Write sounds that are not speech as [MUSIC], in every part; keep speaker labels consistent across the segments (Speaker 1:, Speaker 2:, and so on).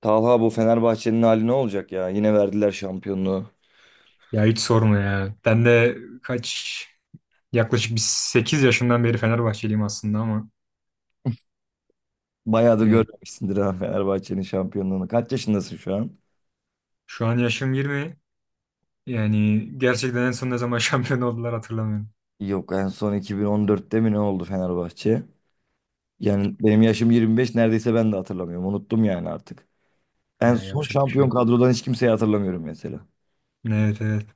Speaker 1: Talha bu Fenerbahçe'nin hali ne olacak ya? Yine verdiler şampiyonluğu.
Speaker 2: Ya hiç sorma ya. Ben de kaç yaklaşık bir 8 yaşımdan beri Fenerbahçeliyim aslında ama
Speaker 1: Bayağıdır
Speaker 2: yani
Speaker 1: görmemişsindir ha Fenerbahçe'nin şampiyonluğunu. Kaç yaşındasın şu an?
Speaker 2: şu an yaşım 20. Yani gerçekten en son ne zaman [LAUGHS] şampiyon oldular hatırlamıyorum.
Speaker 1: Yok en son 2014'te mi ne oldu Fenerbahçe? Yani benim yaşım 25 neredeyse ben de hatırlamıyorum. Unuttum yani artık. En
Speaker 2: Ya
Speaker 1: son
Speaker 2: yapacak bir şey
Speaker 1: şampiyon
Speaker 2: yok.
Speaker 1: kadrodan hiç kimseyi hatırlamıyorum mesela.
Speaker 2: Evet, evet.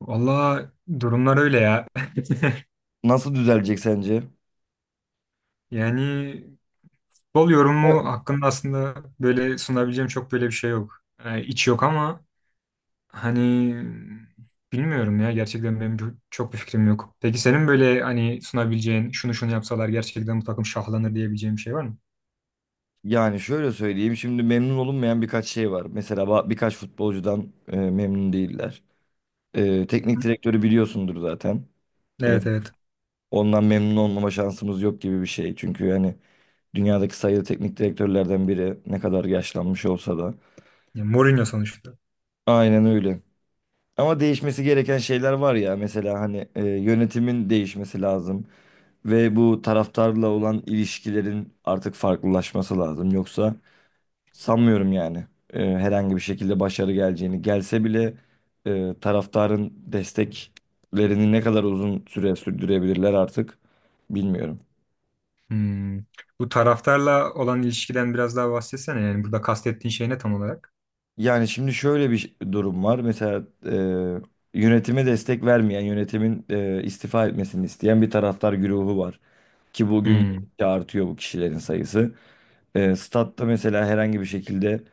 Speaker 2: Valla durumlar öyle ya. [LAUGHS]
Speaker 1: Nasıl düzelecek sence?
Speaker 2: Yani futbol yorumu hakkında aslında böyle sunabileceğim çok böyle bir şey yok. Yani iç yok ama hani bilmiyorum ya, gerçekten benim çok bir fikrim yok. Peki senin böyle hani sunabileceğin şunu şunu yapsalar gerçekten bu takım şahlanır diyebileceğin bir şey var mı?
Speaker 1: Yani şöyle söyleyeyim şimdi memnun olunmayan birkaç şey var. Mesela birkaç futbolcudan memnun değiller. Teknik
Speaker 2: Hı.
Speaker 1: direktörü biliyorsundur zaten. E,
Speaker 2: Evet, evet.
Speaker 1: Ondan memnun olmama şansımız yok gibi bir şey. Çünkü hani dünyadaki sayılı teknik direktörlerden biri ne kadar yaşlanmış olsa da.
Speaker 2: Ya, Mourinho sonuçta.
Speaker 1: Aynen öyle. Ama değişmesi gereken şeyler var ya. Mesela hani yönetimin değişmesi lazım. Ve bu taraftarla olan ilişkilerin artık farklılaşması lazım. Yoksa sanmıyorum yani herhangi bir şekilde başarı geleceğini. Gelse bile taraftarın desteklerini ne kadar uzun süre sürdürebilirler artık bilmiyorum.
Speaker 2: Hmm. Bu taraftarla olan ilişkiden biraz daha bahsetsene, yani burada kastettiğin şey ne tam olarak?
Speaker 1: Yani şimdi şöyle bir durum var. Mesela yönetime destek vermeyen, yönetimin istifa etmesini isteyen bir taraftar güruhu var. Ki bugün
Speaker 2: Hmm.
Speaker 1: gittikçe artıyor bu kişilerin sayısı. Statta mesela herhangi bir şekilde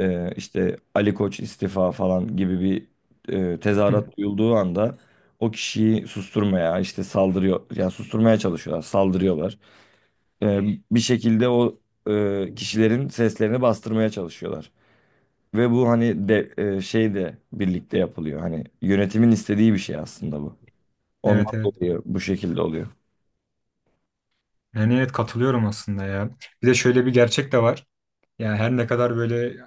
Speaker 1: işte Ali Koç istifa falan gibi bir tezahürat
Speaker 2: [LAUGHS]
Speaker 1: duyulduğu anda o kişiyi susturmaya, işte saldırıyor, yani susturmaya çalışıyorlar, saldırıyorlar. E, Bir şekilde o kişilerin seslerini bastırmaya çalışıyorlar. Ve bu hani şey de birlikte yapılıyor. Hani yönetimin istediği bir şey aslında bu.
Speaker 2: Evet,
Speaker 1: Ondan
Speaker 2: evet.
Speaker 1: dolayı bu şekilde oluyor.
Speaker 2: Yani evet, katılıyorum aslında ya. Bir de şöyle bir gerçek de var. Yani her ne kadar böyle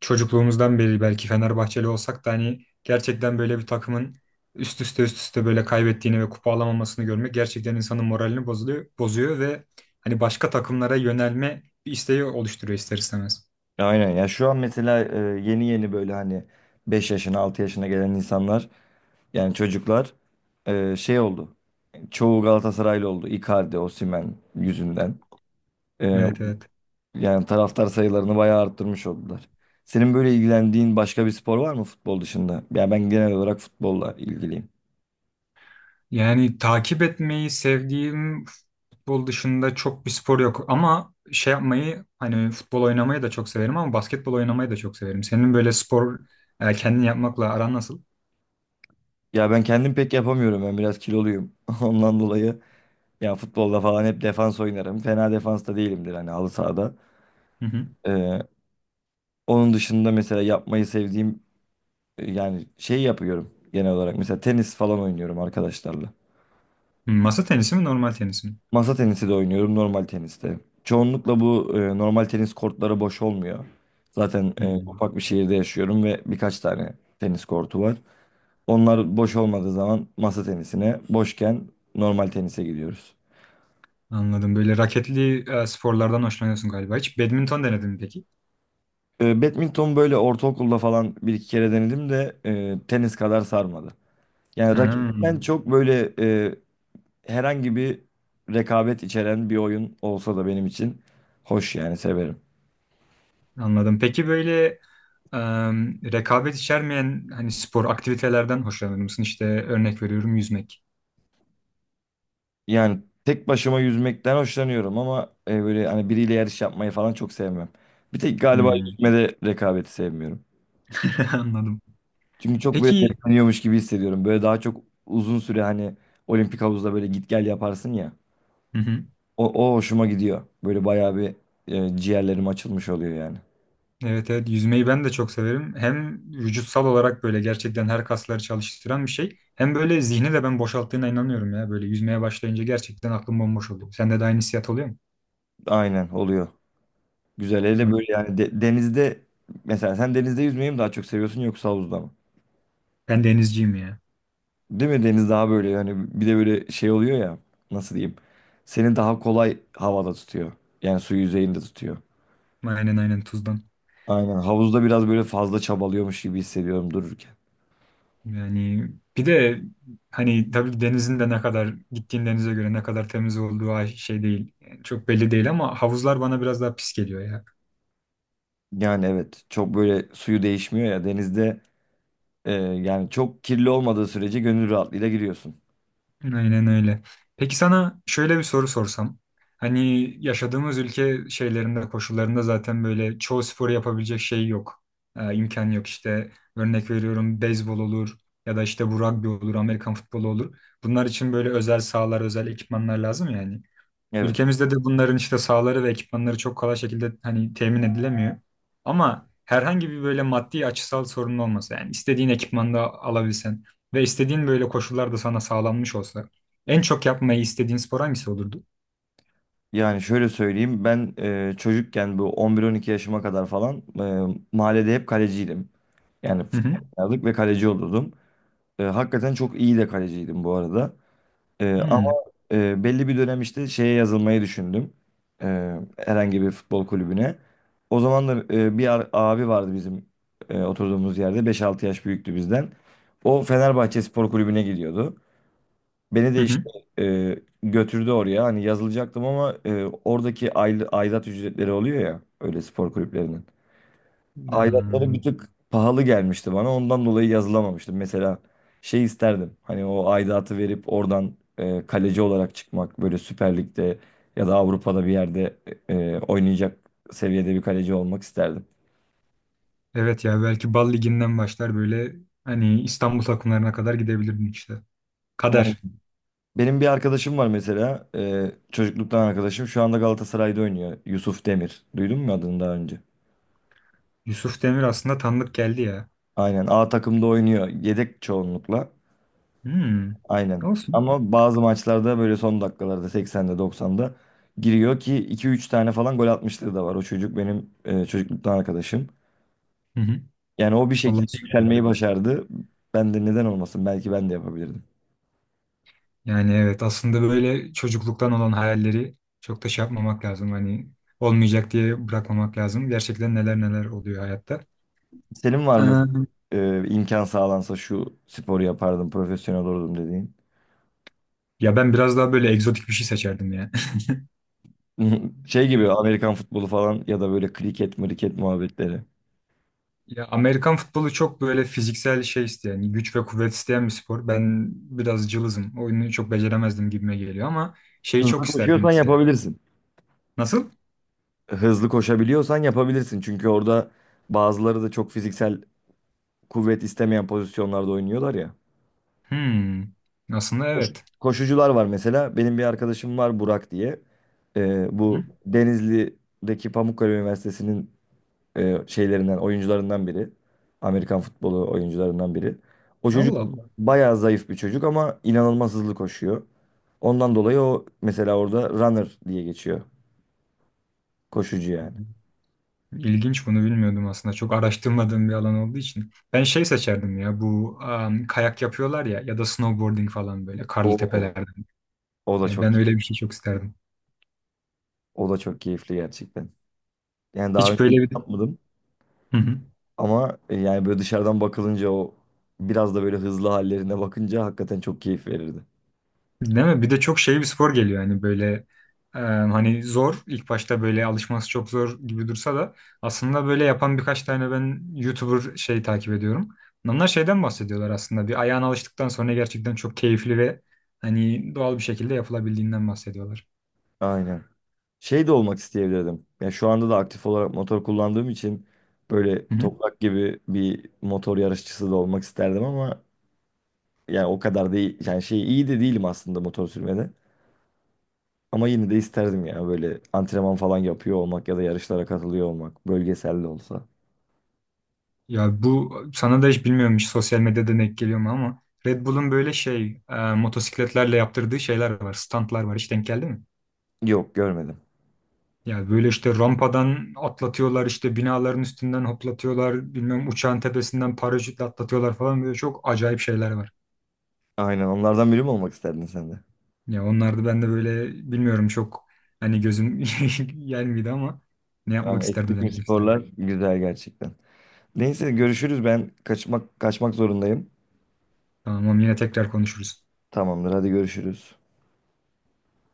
Speaker 2: çocukluğumuzdan beri belki Fenerbahçeli olsak da, hani gerçekten böyle bir takımın üst üste üst üste böyle kaybettiğini ve kupa alamamasını görmek gerçekten insanın moralini bozuluyor, bozuyor ve hani başka takımlara yönelme bir isteği oluşturuyor, ister istemez.
Speaker 1: Aynen ya şu an mesela yeni yeni böyle hani 5 yaşına 6 yaşına gelen insanlar yani çocuklar şey oldu. Çoğu Galatasaraylı oldu. Icardi, Osimhen yüzünden. E,
Speaker 2: Evet, evet.
Speaker 1: Yani taraftar sayılarını bayağı arttırmış oldular. Senin böyle ilgilendiğin başka bir spor var mı futbol dışında? Ya ben genel olarak futbolla ilgiliyim.
Speaker 2: Yani takip etmeyi sevdiğim futbol dışında çok bir spor yok ama şey yapmayı, hani futbol oynamayı da çok severim ama basketbol oynamayı da çok severim. Senin böyle spor kendin yapmakla aran nasıl?
Speaker 1: Ya ben kendim pek yapamıyorum. Ben biraz kiloluyum. [LAUGHS] Ondan dolayı ya futbolda falan hep defans oynarım. Fena defans da değilimdir hani halı sahada.
Speaker 2: [LAUGHS]
Speaker 1: Ee, Onun dışında mesela yapmayı sevdiğim yani şey yapıyorum genel olarak. Mesela tenis falan oynuyorum arkadaşlarla.
Speaker 2: Hmm, masa tenisi mi normal tenis mi?
Speaker 1: Masa tenisi de oynuyorum normal teniste. Çoğunlukla bu normal tenis kortları boş olmuyor. Zaten
Speaker 2: Hmm,
Speaker 1: ufak bir şehirde yaşıyorum ve birkaç tane tenis kortu var. Onlar boş olmadığı zaman masa tenisine, boşken normal tenise gidiyoruz.
Speaker 2: anladım. Böyle raketli sporlardan hoşlanıyorsun galiba. Hiç badminton denedin mi peki?
Speaker 1: Badminton böyle ortaokulda falan bir iki kere denedim de tenis kadar sarmadı. Yani
Speaker 2: Ha,
Speaker 1: raketten çok böyle herhangi bir rekabet içeren bir oyun olsa da benim için hoş yani severim.
Speaker 2: anladım. Peki böyle e, rekabet içermeyen hani spor aktivitelerden hoşlanır mısın? İşte örnek veriyorum, yüzmek.
Speaker 1: Yani tek başıma yüzmekten hoşlanıyorum ama böyle hani biriyle yarış yapmayı falan çok sevmem. Bir tek galiba
Speaker 2: Hmm.
Speaker 1: yüzmede rekabeti sevmiyorum.
Speaker 2: [LAUGHS] Anladım.
Speaker 1: Çünkü çok böyle
Speaker 2: Peki,
Speaker 1: tepkileniyormuş gibi hissediyorum. Böyle daha çok uzun süre hani olimpik havuzda böyle git gel yaparsın ya.
Speaker 2: hı hı.
Speaker 1: O, O hoşuma gidiyor. Böyle bayağı bir ciğerlerim açılmış oluyor yani.
Speaker 2: Evet, evet, yüzmeyi ben de çok severim. Hem vücutsal olarak böyle gerçekten her kasları çalıştıran bir şey. Hem böyle zihni de ben boşalttığına inanıyorum ya. Böyle yüzmeye başlayınca gerçekten aklım bomboş oluyor. Sende de aynı hissiyat oluyor mu?
Speaker 1: Aynen oluyor. Güzel. Hele böyle yani denizde mesela sen denizde yüzmeyi mi daha çok seviyorsun yoksa havuzda mı?
Speaker 2: Ben denizciyim ya.
Speaker 1: Değil mi? Deniz daha böyle yani bir de böyle şey oluyor ya nasıl diyeyim? Seni daha kolay havada tutuyor. Yani su yüzeyinde tutuyor.
Speaker 2: Aynen aynen, Tuz'dan.
Speaker 1: Aynen. Havuzda biraz böyle fazla çabalıyormuş gibi hissediyorum dururken.
Speaker 2: Yani bir de hani tabii denizin de ne kadar gittiğin denize göre ne kadar temiz olduğu ay- şey değil. Yani çok belli değil ama havuzlar bana biraz daha pis geliyor ya.
Speaker 1: Yani evet çok böyle suyu değişmiyor ya denizde yani çok kirli olmadığı sürece gönül rahatlığıyla giriyorsun.
Speaker 2: Aynen öyle. Peki sana şöyle bir soru sorsam. Hani yaşadığımız ülke şeylerinde, koşullarında zaten böyle çoğu sporu yapabilecek şey yok. İmkan yok işte. Örnek veriyorum, beyzbol olur ya da işte bu rugby olur, Amerikan futbolu olur. Bunlar için böyle özel sahalar, özel ekipmanlar lazım yani.
Speaker 1: Evet.
Speaker 2: Ülkemizde de bunların işte sahaları ve ekipmanları çok kolay şekilde hani temin edilemiyor. Ama herhangi bir böyle maddi açısal sorun olmasa, yani istediğin ekipmanda alabilsen ve istediğin böyle koşullar da sana sağlanmış olsa, en çok yapmayı istediğin spor hangisi olurdu?
Speaker 1: Yani şöyle söyleyeyim ben çocukken bu 11-12 yaşıma kadar falan mahallede hep kaleciydim. Yani
Speaker 2: Hı hı.
Speaker 1: futbol oynardık ve kaleci olurdum. Hakikaten çok iyi de kaleciydim bu arada. E, ama
Speaker 2: Hmm.
Speaker 1: Belli bir dönem işte şeye yazılmayı düşündüm. Herhangi bir futbol kulübüne. O zaman da bir abi vardı bizim oturduğumuz yerde. Beş-altı yaş büyüktü bizden. O Fenerbahçe Spor Kulübü'ne gidiyordu. Beni
Speaker 2: Hı
Speaker 1: de
Speaker 2: hı.
Speaker 1: işte e, götürdü oraya. Hani yazılacaktım ama oradaki aidat ücretleri oluyor ya öyle spor kulüplerinin. Aidatları
Speaker 2: Hmm.
Speaker 1: bir tık pahalı gelmişti bana. Ondan dolayı yazılamamıştım. Mesela şey isterdim. Hani o aidatı verip oradan kaleci olarak çıkmak. Böyle Süper Lig'de ya da Avrupa'da bir yerde oynayacak seviyede bir kaleci olmak isterdim.
Speaker 2: Evet ya, belki Bal Ligi'nden başlar, böyle hani İstanbul takımlarına kadar gidebilirdin işte.
Speaker 1: Yani
Speaker 2: Kader.
Speaker 1: benim bir arkadaşım var mesela. Çocukluktan arkadaşım. Şu anda Galatasaray'da oynuyor. Yusuf Demir. Duydun mu adını daha önce?
Speaker 2: Yusuf Demir aslında tanıdık geldi ya.
Speaker 1: Aynen A takımda oynuyor. Yedek çoğunlukla.
Speaker 2: Hmm.
Speaker 1: Aynen.
Speaker 2: Olsun.
Speaker 1: Ama bazı maçlarda böyle son dakikalarda 80'de 90'da giriyor ki iki üç tane falan gol atmışlığı da var. O çocuk benim çocukluktan arkadaşım.
Speaker 2: Hı hı.
Speaker 1: Yani o bir
Speaker 2: Vallahi
Speaker 1: şekilde
Speaker 2: süper ya.
Speaker 1: yükselmeyi başardı. Ben de neden olmasın? Belki ben de yapabilirdim.
Speaker 2: Yani evet, aslında böyle çocukluktan olan hayalleri çok da şey yapmamak lazım. Hani olmayacak diye bırakmamak lazım. Gerçekten neler neler oluyor hayatta.
Speaker 1: Senin var mı
Speaker 2: Ee,
Speaker 1: imkan sağlansa şu sporu yapardım, profesyonel olurdum dediğin?
Speaker 2: Ya ben biraz daha böyle egzotik bir şey seçerdim ya.
Speaker 1: [LAUGHS] Şey gibi
Speaker 2: [LAUGHS]
Speaker 1: Amerikan futbolu falan ya da böyle kriket, mriket muhabbetleri.
Speaker 2: Ya Amerikan futbolu çok böyle fiziksel şey isteyen, güç ve kuvvet isteyen bir spor. Ben biraz cılızım. Oyunu çok beceremezdim gibime geliyor ama şeyi çok
Speaker 1: Hızlı
Speaker 2: isterdim
Speaker 1: koşuyorsan
Speaker 2: mesela.
Speaker 1: yapabilirsin.
Speaker 2: Nasıl?
Speaker 1: Hızlı koşabiliyorsan yapabilirsin. Çünkü orada bazıları da çok fiziksel kuvvet istemeyen pozisyonlarda oynuyorlar ya.
Speaker 2: Hmm. Aslında
Speaker 1: Koş-
Speaker 2: evet.
Speaker 1: Koşucular var mesela. Benim bir arkadaşım var Burak diye.
Speaker 2: Hı?
Speaker 1: Bu Denizli'deki Pamukkale Üniversitesi'nin oyuncularından biri. Amerikan futbolu oyuncularından biri. O çocuk
Speaker 2: Allah Allah.
Speaker 1: bayağı zayıf bir çocuk ama inanılmaz hızlı koşuyor. Ondan dolayı o mesela orada runner diye geçiyor. Koşucu yani.
Speaker 2: İlginç, bunu bilmiyordum aslında. Çok araştırmadığım bir alan olduğu için. Ben şey seçerdim ya, bu kayak yapıyorlar ya ya da snowboarding falan, böyle karlı
Speaker 1: Oo.
Speaker 2: tepelerden.
Speaker 1: O da
Speaker 2: Ya ben
Speaker 1: çok
Speaker 2: öyle
Speaker 1: iyi.
Speaker 2: bir şey çok isterdim.
Speaker 1: O da çok keyifli gerçekten. Yani daha
Speaker 2: Hiç
Speaker 1: önce
Speaker 2: böyle
Speaker 1: hiç
Speaker 2: bir...
Speaker 1: yapmadım
Speaker 2: Hı hı.
Speaker 1: ama yani böyle dışarıdan bakılınca o biraz da böyle hızlı hallerine bakınca hakikaten çok keyif verirdi.
Speaker 2: Değil mi? Bir de çok şey bir spor geliyor yani, böyle hani zor, ilk başta böyle alışması çok zor gibi dursa da aslında böyle yapan birkaç tane ben YouTuber şey takip ediyorum. Onlar şeyden bahsediyorlar, aslında bir ayağına alıştıktan sonra gerçekten çok keyifli ve hani doğal bir şekilde yapılabildiğinden bahsediyorlar.
Speaker 1: Aynen. Şey de olmak isteyebilirdim. Yani şu anda da aktif olarak motor kullandığım için böyle toprak gibi bir motor yarışçısı da olmak isterdim ama yani o kadar değil. Yani şey iyi de değilim aslında motor sürmede. Ama yine de isterdim ya böyle antrenman falan yapıyor olmak ya da yarışlara katılıyor olmak. Bölgesel de olsa.
Speaker 2: Ya bu sana da hiç bilmiyorum, hiç sosyal medyada denk geliyor mu ama Red Bull'un böyle şey motosikletlerle yaptırdığı şeyler var. Standlar var. Hiç denk geldi mi?
Speaker 1: Yok görmedim.
Speaker 2: Ya böyle işte rampadan atlatıyorlar, işte binaların üstünden hoplatıyorlar, bilmem uçağın tepesinden paraşütle atlatıyorlar falan, böyle çok acayip şeyler var.
Speaker 1: Aynen onlardan biri mi olmak isterdin sen de?
Speaker 2: Ya onlar da ben de böyle bilmiyorum çok, hani gözüm [LAUGHS] gelmedi ama ne yapmak
Speaker 1: Yani
Speaker 2: isterdim,
Speaker 1: ekstrem
Speaker 2: denemek
Speaker 1: sporlar
Speaker 2: isterdim.
Speaker 1: güzel gerçekten. Neyse görüşürüz ben kaçmak zorundayım.
Speaker 2: Tamam, yine tekrar konuşuruz.
Speaker 1: Tamamdır hadi görüşürüz.